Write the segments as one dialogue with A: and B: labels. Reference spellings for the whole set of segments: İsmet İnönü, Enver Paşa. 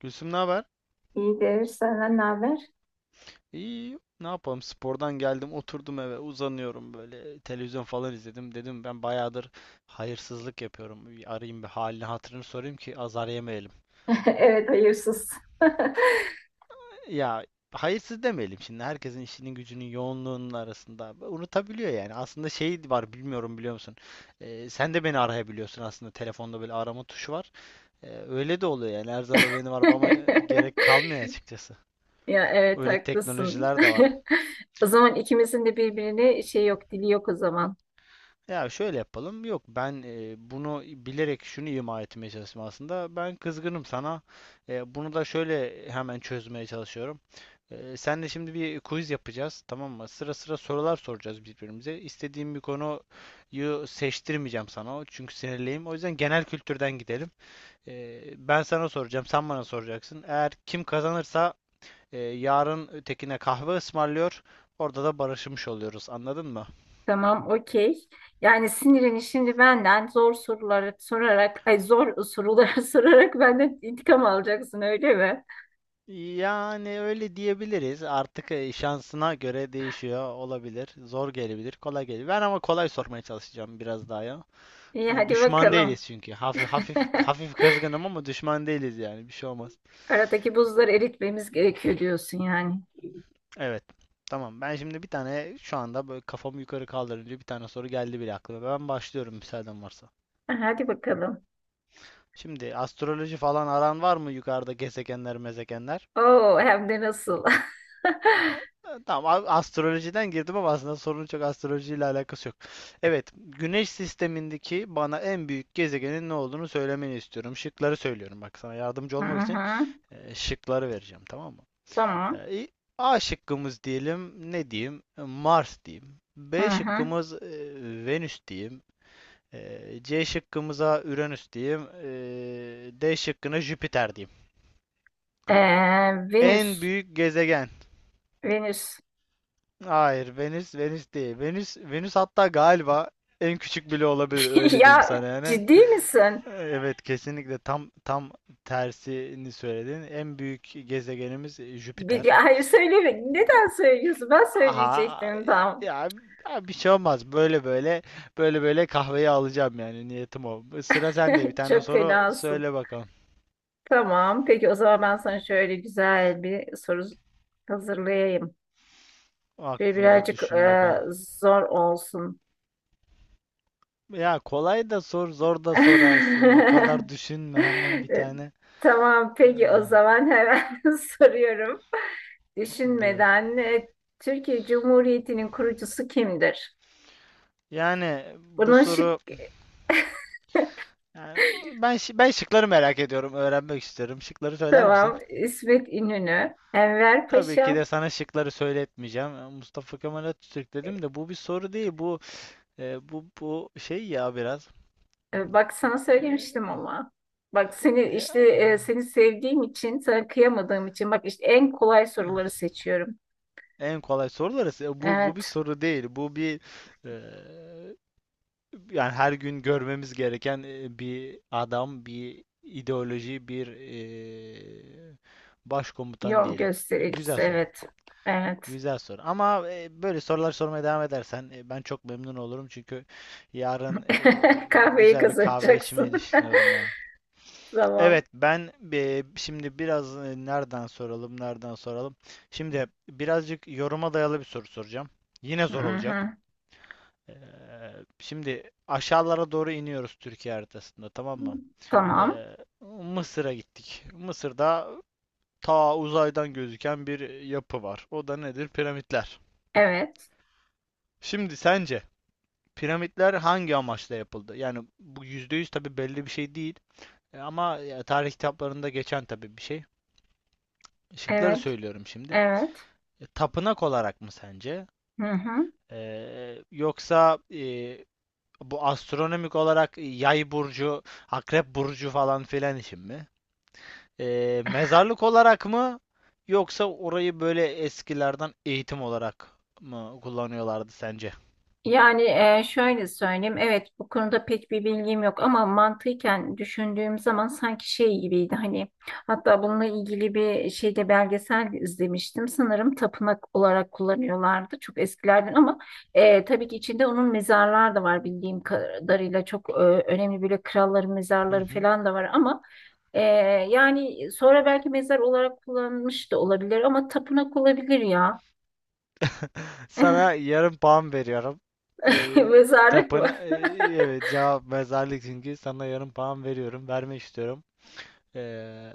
A: Gülsüm ne haber?
B: İyidir. Senden ne haber?
A: İyi, ne yapalım? Spordan geldim, oturdum eve, uzanıyorum böyle. Televizyon falan izledim. Dedim ben bayağıdır hayırsızlık yapıyorum. Bir arayayım bir halini hatırını sorayım ki azar yemeyelim.
B: Evet, hayırsız.
A: Ya hayırsız demeyelim şimdi. Herkesin işinin gücünün yoğunluğunun arasında unutabiliyor yani. Aslında şey var bilmiyorum biliyor musun? Sen de beni arayabiliyorsun aslında. Telefonda böyle arama tuşu var. Öyle de oluyor yani. Her zaman benim arabama gerek kalmıyor açıkçası.
B: Ya evet
A: Öyle
B: haklısın.
A: teknolojiler de var.
B: O zaman ikimizin de birbirine şey yok, dili yok o zaman.
A: Ya şöyle yapalım. Yok ben bunu bilerek şunu ima etmeye çalıştım aslında. Ben kızgınım sana. Bunu da şöyle hemen çözmeye çalışıyorum. Senle şimdi bir quiz yapacağız, tamam mı? Sıra sıra sorular soracağız birbirimize. İstediğim bir konuyu seçtirmeyeceğim sana. Çünkü sinirliyim. O yüzden genel kültürden gidelim. Ben sana soracağım, sen bana soracaksın. Eğer kim kazanırsa yarın ötekine kahve ısmarlıyor. Orada da barışmış oluyoruz. Anladın mı?
B: Tamam, okey. Yani sinirini şimdi benden zor soruları sorarak, ay zor soruları sorarak benden intikam alacaksın öyle mi?
A: Yani öyle diyebiliriz. Artık şansına göre değişiyor olabilir. Zor gelebilir, kolay gelebilir. Ben ama kolay sormaya çalışacağım biraz daha ya.
B: İyi
A: Hani
B: hadi
A: düşman
B: bakalım.
A: değiliz çünkü. Hafif kızgınım ama düşman değiliz yani. Bir şey olmaz.
B: Aradaki buzları eritmemiz gerekiyor diyorsun yani.
A: Evet. Tamam. Ben şimdi bir tane şu anda böyle kafamı yukarı kaldırınca bir tane soru geldi bile aklıma. Ben başlıyorum müsaaden varsa.
B: Hadi bakalım.
A: Şimdi astroloji falan aran var mı yukarıda gezegenler, mezegenler?
B: Oo hem de nasıl?
A: Ha, ha, tamam, astrolojiden girdim ama aslında sorunun çok astrolojiyle alakası yok. Evet, Güneş sistemindeki bana en büyük gezegenin ne olduğunu söylemeni istiyorum. Şıkları söylüyorum bak sana yardımcı
B: Hı
A: olmak için,
B: hı.
A: şıkları vereceğim, tamam mı?
B: Tamam.
A: E, i- A şıkkımız diyelim ne diyeyim? Mars diyeyim.
B: Hı
A: B
B: hı.
A: şıkkımız Venüs diyeyim. C şıkkımıza Uranüs diyeyim. D şıkkına Jüpiter diyeyim.
B: Ee,
A: En
B: Venüs.
A: büyük gezegen.
B: Venüs.
A: Hayır, Venüs değil. Venüs Venüs, hatta galiba en küçük bile olabilir, öyle
B: Ya
A: diyeyim sana yani.
B: ciddi misin?
A: Evet kesinlikle tam tersini söyledin. En büyük gezegenimiz
B: Bir,
A: Jüpiter.
B: ya hayır söyleme. Neden söylüyorsun? Ben
A: Aha
B: söyleyecektim tam.
A: ya, ya bir şey olmaz. Böyle böyle kahveyi alacağım, yani niyetim o. Sıra sende, bir tane
B: Çok
A: soru
B: fenasın.
A: söyle bakalım.
B: Tamam. Peki o zaman ben sana şöyle güzel bir soru hazırlayayım. Şöyle
A: Aklında
B: birazcık
A: düşün bakalım.
B: zor olsun.
A: Ya kolay da sor, zor da sorarsın. O kadar düşünme, hemen bir tane.
B: Tamam. Peki o
A: Ah,
B: zaman hemen soruyorum.
A: bu
B: Düşünmeden Türkiye Cumhuriyeti'nin kurucusu kimdir?
A: Yani bu
B: Bunun şık
A: soru, yani ben şıkları merak ediyorum, öğrenmek istiyorum. Şıkları söyler misin?
B: devam. İsmet İnönü, Enver
A: Tabii ki
B: Paşa.
A: de sana şıkları söyletmeyeceğim. Mustafa Kemal Atatürk dedim de bu bir soru değil. Bu şey ya biraz.
B: Bak sana
A: E,
B: söylemiştim ama. Bak seni
A: ya.
B: işte seni sevdiğim için, sana kıyamadığım için. Bak işte en kolay
A: Ah,
B: soruları seçiyorum.
A: en kolay soruları. E, Bu bu bir
B: Evet.
A: soru değil. Bu bir, e, yani her gün görmemiz gereken bir adam, bir ideoloji, bir e, başkomutan
B: Yol
A: diyelim.
B: göstericisi.
A: Güzel soru.
B: Evet. Evet.
A: Güzel soru. Ama böyle sorular sormaya devam edersen ben çok memnun olurum. Çünkü yarın
B: Kahveyi
A: güzel bir kahve
B: kazanacaksın.
A: içmeyi düşünüyorum yani.
B: Tamam.
A: Evet ben şimdi biraz nereden soralım, nereden soralım. Şimdi birazcık yoruma dayalı bir soru soracağım. Yine
B: Hı
A: zor olacak.
B: hı.
A: Ee, şimdi aşağılara doğru iniyoruz Türkiye haritasında, tamam mı?
B: Tamam.
A: Ee, Mısır'a gittik. Mısır'da ta uzaydan gözüken bir yapı var. O da nedir? Piramitler.
B: Evet.
A: Şimdi sence piramitler hangi amaçla yapıldı? Yani bu %100 tabii belli bir şey değil. Ama ya, tarih kitaplarında geçen tabii bir şey. Şıkları
B: Evet.
A: söylüyorum şimdi.
B: Evet.
A: Tapınak olarak mı sence?
B: Hı hı.
A: Yoksa bu astronomik olarak yay burcu, akrep burcu falan filan için mi? Mezarlık olarak mı? Yoksa orayı böyle eskilerden eğitim olarak mı kullanıyorlardı sence?
B: Yani şöyle söyleyeyim, evet bu konuda pek bir bilgim yok ama mantıken düşündüğüm zaman sanki şey gibiydi hani hatta bununla ilgili bir şeyde belgesel izlemiştim sanırım tapınak olarak kullanıyorlardı çok eskilerden ama tabii ki içinde onun mezarlar da var bildiğim kadarıyla çok önemli böyle kralların
A: Hı
B: mezarları
A: hı.
B: falan da var ama e, yani sonra belki mezar olarak kullanılmış da olabilir ama tapınak olabilir ya
A: Sana yarım puan veriyorum. Ee,
B: mezarlık
A: tapın evet cevap mezarlık, çünkü sana yarım puan veriyorum. Vermek istiyorum. Ee,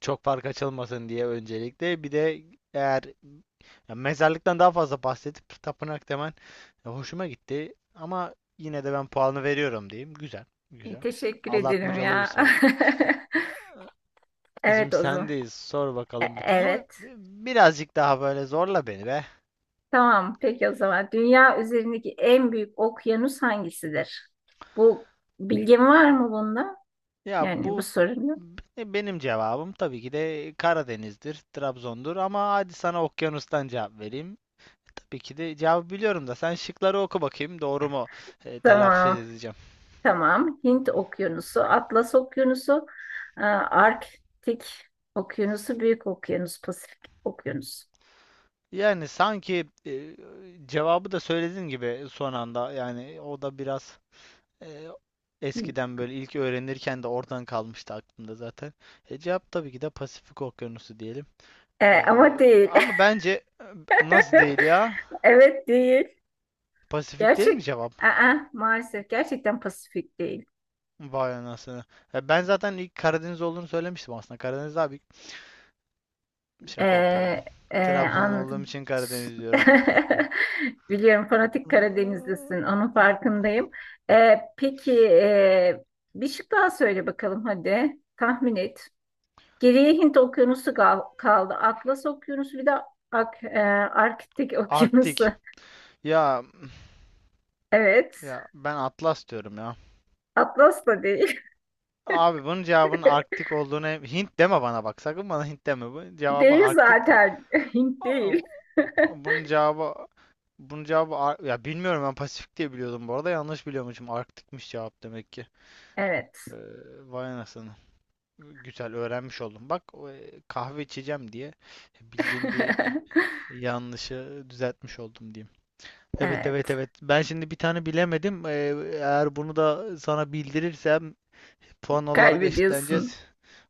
A: çok fark açılmasın diye öncelikle. Bir de eğer, ya mezarlıktan daha fazla bahsedip tapınak demen hoşuma gitti. Ama yine de ben puanı veriyorum diyeyim. Güzel.
B: İyi,
A: Güzel.
B: teşekkür ederim
A: Aldatmacalı bir
B: ya.
A: soruydu.
B: Evet
A: Şimdi
B: o zaman.
A: sendeyiz. Sor
B: E-
A: bakalım bir tane ama
B: evet.
A: birazcık daha böyle zorla beni be.
B: Tamam. Peki o zaman. Dünya üzerindeki en büyük okyanus hangisidir? Bu bilgin var mı bunda?
A: Ya
B: Yani bu sorunun.
A: benim cevabım tabii ki de Karadeniz'dir, Trabzon'dur ama hadi sana okyanustan cevap vereyim. Tabii ki de cevabı biliyorum da sen şıkları oku bakayım doğru mu telaffuz
B: Tamam.
A: edeceğim.
B: Tamam. Hint Okyanusu, Atlas Okyanusu, Arktik Okyanusu, Büyük Okyanus, Pasifik Okyanusu.
A: Yani sanki cevabı da söylediğin gibi son anda, yani o da biraz e, eskiden böyle ilk öğrenirken de oradan kalmıştı aklımda zaten. Cevap tabii ki de Pasifik Okyanusu diyelim. E,
B: Ama değil.
A: ama bence nasıl değil ya?
B: Evet değil.
A: Pasifik değil mi
B: Gerçek.
A: cevap?
B: Aa, maalesef gerçekten Pasifik değil.
A: Vay anasını. Ya ben zaten ilk Karadeniz olduğunu söylemiştim aslında. Karadeniz abi, şaka yapıyorum.
B: Ee,
A: Trabzonlu olduğum
B: Anladım.
A: için Karadeniz diyorum.
B: Biliyorum fanatik Karadenizlisin. Onun farkındayım. Peki bir şık daha söyle bakalım hadi. Tahmin et. Geriye Hint Okyanusu kal- kaldı. Atlas Okyanusu bir de Ak Arktik Okyanusu.
A: Arktik. Ya
B: Evet.
A: ya ben Atlas diyorum ya.
B: Atlas da değil.
A: Abi bunun cevabının Arktik olduğunu, Hint deme bana bak. Sakın bana Hint deme. Bu cevabı
B: Değil
A: Arktik.
B: zaten. Hint
A: Aa,
B: değil.
A: Bunun cevabı bunun cevabı ya bilmiyorum, ben Pasifik diye biliyordum bu arada. Yanlış biliyormuşum. Arktikmiş cevap demek ki.
B: Evet.
A: Ee, vay anasını. Güzel öğrenmiş oldum. Bak kahve içeceğim diye bildiğim bir yanlışı düzeltmiş oldum diyeyim. Evet
B: Evet.
A: evet evet. Ben şimdi bir tane bilemedim. Eğer bunu da sana bildirirsem puan olarak eşitleneceğiz.
B: Kaybediyorsun.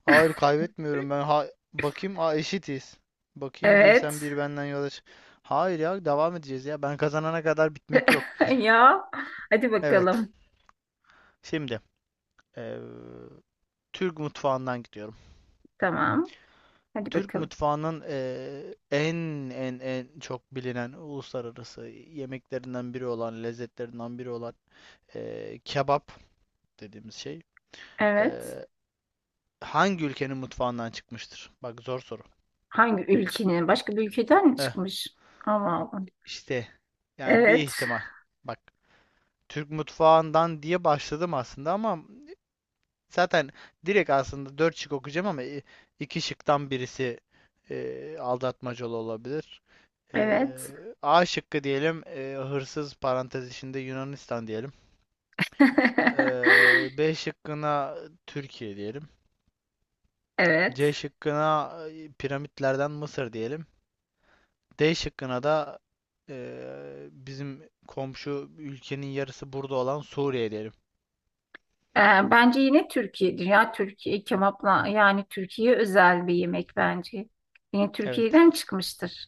A: Hayır kaybetmiyorum ben. Ha, bakayım. Aa, eşitiz. Bakayım, bir
B: Evet.
A: sen bir benden yola çık. Hayır ya, devam edeceğiz ya. Ben kazanana kadar bitmek yok.
B: Ya. Hadi
A: Evet.
B: bakalım.
A: Şimdi ee, Türk mutfağından gidiyor.
B: Tamam. Hadi
A: Türk
B: bakalım.
A: mutfağının, en çok bilinen uluslararası yemeklerinden biri olan, lezzetlerinden biri olan kebap dediğimiz şey
B: Evet.
A: eee, hangi ülkenin mutfağından çıkmıştır? Bak zor soru.
B: Hangi ülkenin? Başka bir ülkeden mi
A: Eh,
B: çıkmış? Ama Allah'ım.
A: işte yani bir
B: Evet.
A: ihtimal. Bak, Türk mutfağından diye başladım aslında ama zaten direkt aslında 4 şık okuyacağım ama iki şıktan birisi aldatmacalı olabilir. E,
B: Evet.
A: A şıkkı diyelim, hırsız parantez içinde Yunanistan diyelim. B şıkkına Türkiye diyelim.
B: Evet.
A: C şıkkına piramitlerden Mısır diyelim. D şıkkına da bizim komşu ülkenin yarısı burada olan Suriye diyelim.
B: Ee, Bence yine Türkiye. Dünya Türkiye kebapla yani Türkiye özel bir yemek bence. Yine
A: Evet.
B: Türkiye'den çıkmıştır.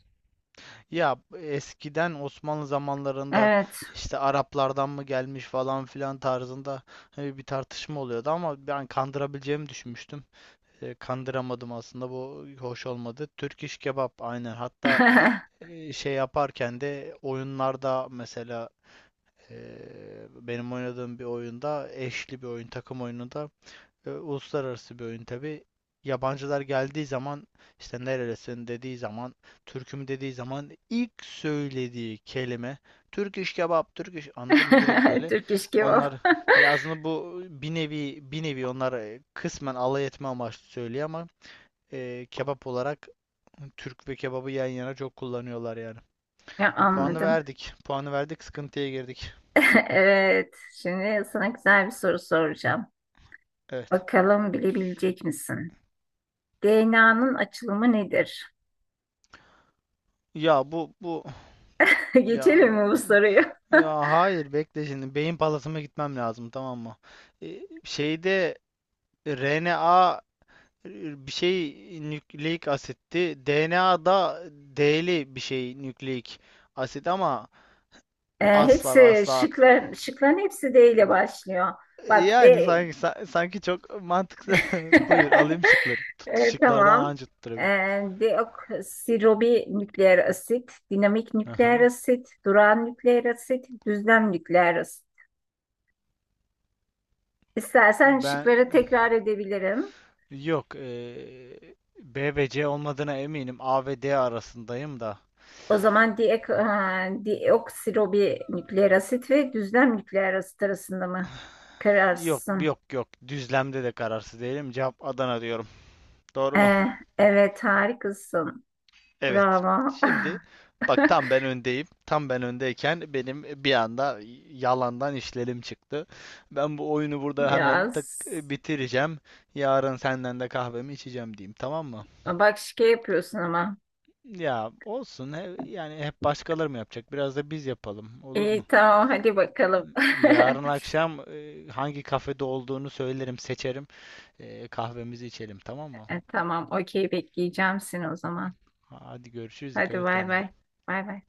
A: Ya eskiden Osmanlı zamanlarında
B: Evet.
A: işte Araplardan mı gelmiş falan filan tarzında bir tartışma oluyordu ama ben kandırabileceğimi düşünmüştüm. Kandıramadım aslında, bu hoş olmadı. Türk iş kebap aynen, hatta şey yaparken de oyunlarda mesela e, benim oynadığım bir oyunda, eşli bir oyun, takım oyununda uluslararası bir oyun tabi. Yabancılar geldiği zaman işte nerelisin dediği zaman, Türk'üm dediği zaman ilk söylediği kelime Türk iş kebap, Türk iş anladım direkt böyle.
B: Türk iş
A: Onlar,
B: kebap.
A: ya aslında bu bir nevi onlar kısmen alay etme amaçlı söylüyor ama kebap olarak Türk ve kebabı yan yana çok kullanıyorlar yani.
B: Ya,
A: Puanı
B: anladım.
A: verdik. Puanı verdik, sıkıntıya girdik.
B: Evet. Şimdi sana güzel bir soru soracağım.
A: Evet.
B: Bakalım bilebilecek misin? DNA'nın açılımı nedir?
A: Ya bu bu
B: Geçelim
A: ya
B: mi bu soruyu?
A: Ya hayır bekle, şimdi beyin palasıma gitmem lazım tamam mı? Şeyde RNA, bir şey nükleik asitti. DNA'da D'li bir şey nükleik asit ama asla ve
B: Hepsi
A: asla aklım.
B: şıkların, şıkların hepsi D ile başlıyor. Bak
A: Yani
B: D.
A: sanki sanki çok mantıklı. Buyur alayım şıkları. Tut, şıklardan
B: Tamam.
A: anca
B: E,
A: tutturabilirim.
B: Deoksiribonükleer asit, dinamik nükleer
A: Aha.
B: asit, durağan nükleer asit, düzlem nükleer asit. İstersen
A: Ben
B: şıkları tekrar edebilirim.
A: yok e, B ve C olmadığına eminim. A ve D arasındayım da.
B: O zaman diek, asit ve düzlem nükleer asit arasında mı
A: Yok
B: kararsın?
A: yok yok. Düzlemde de kararsız değilim. Cevap Adana diyorum. Doğru mu?
B: Eh, evet harikasın.
A: Evet.
B: Bravo.
A: Şimdi bak tam ben öndeyim. Tam ben öndeyken benim bir anda yalandan işlerim çıktı. Ben bu oyunu burada hemen
B: Yaz.
A: bitireceğim. Yarın senden de kahvemi içeceğim diyeyim. Tamam mı?
B: Bak şike yapıyorsun ama.
A: Ya olsun. Yani hep başkaları mı yapacak? Biraz da biz yapalım. Olur
B: İyi
A: mu?
B: tamam hadi bakalım.
A: Yarın akşam hangi kafede olduğunu söylerim, seçerim. Kahvemizi içelim. Tamam mı?
B: Tamam okey bekleyeceğim seni o zaman.
A: Hadi görüşürüz.
B: Hadi
A: Dikkat et
B: bay
A: kendine.
B: bay. Bay bay.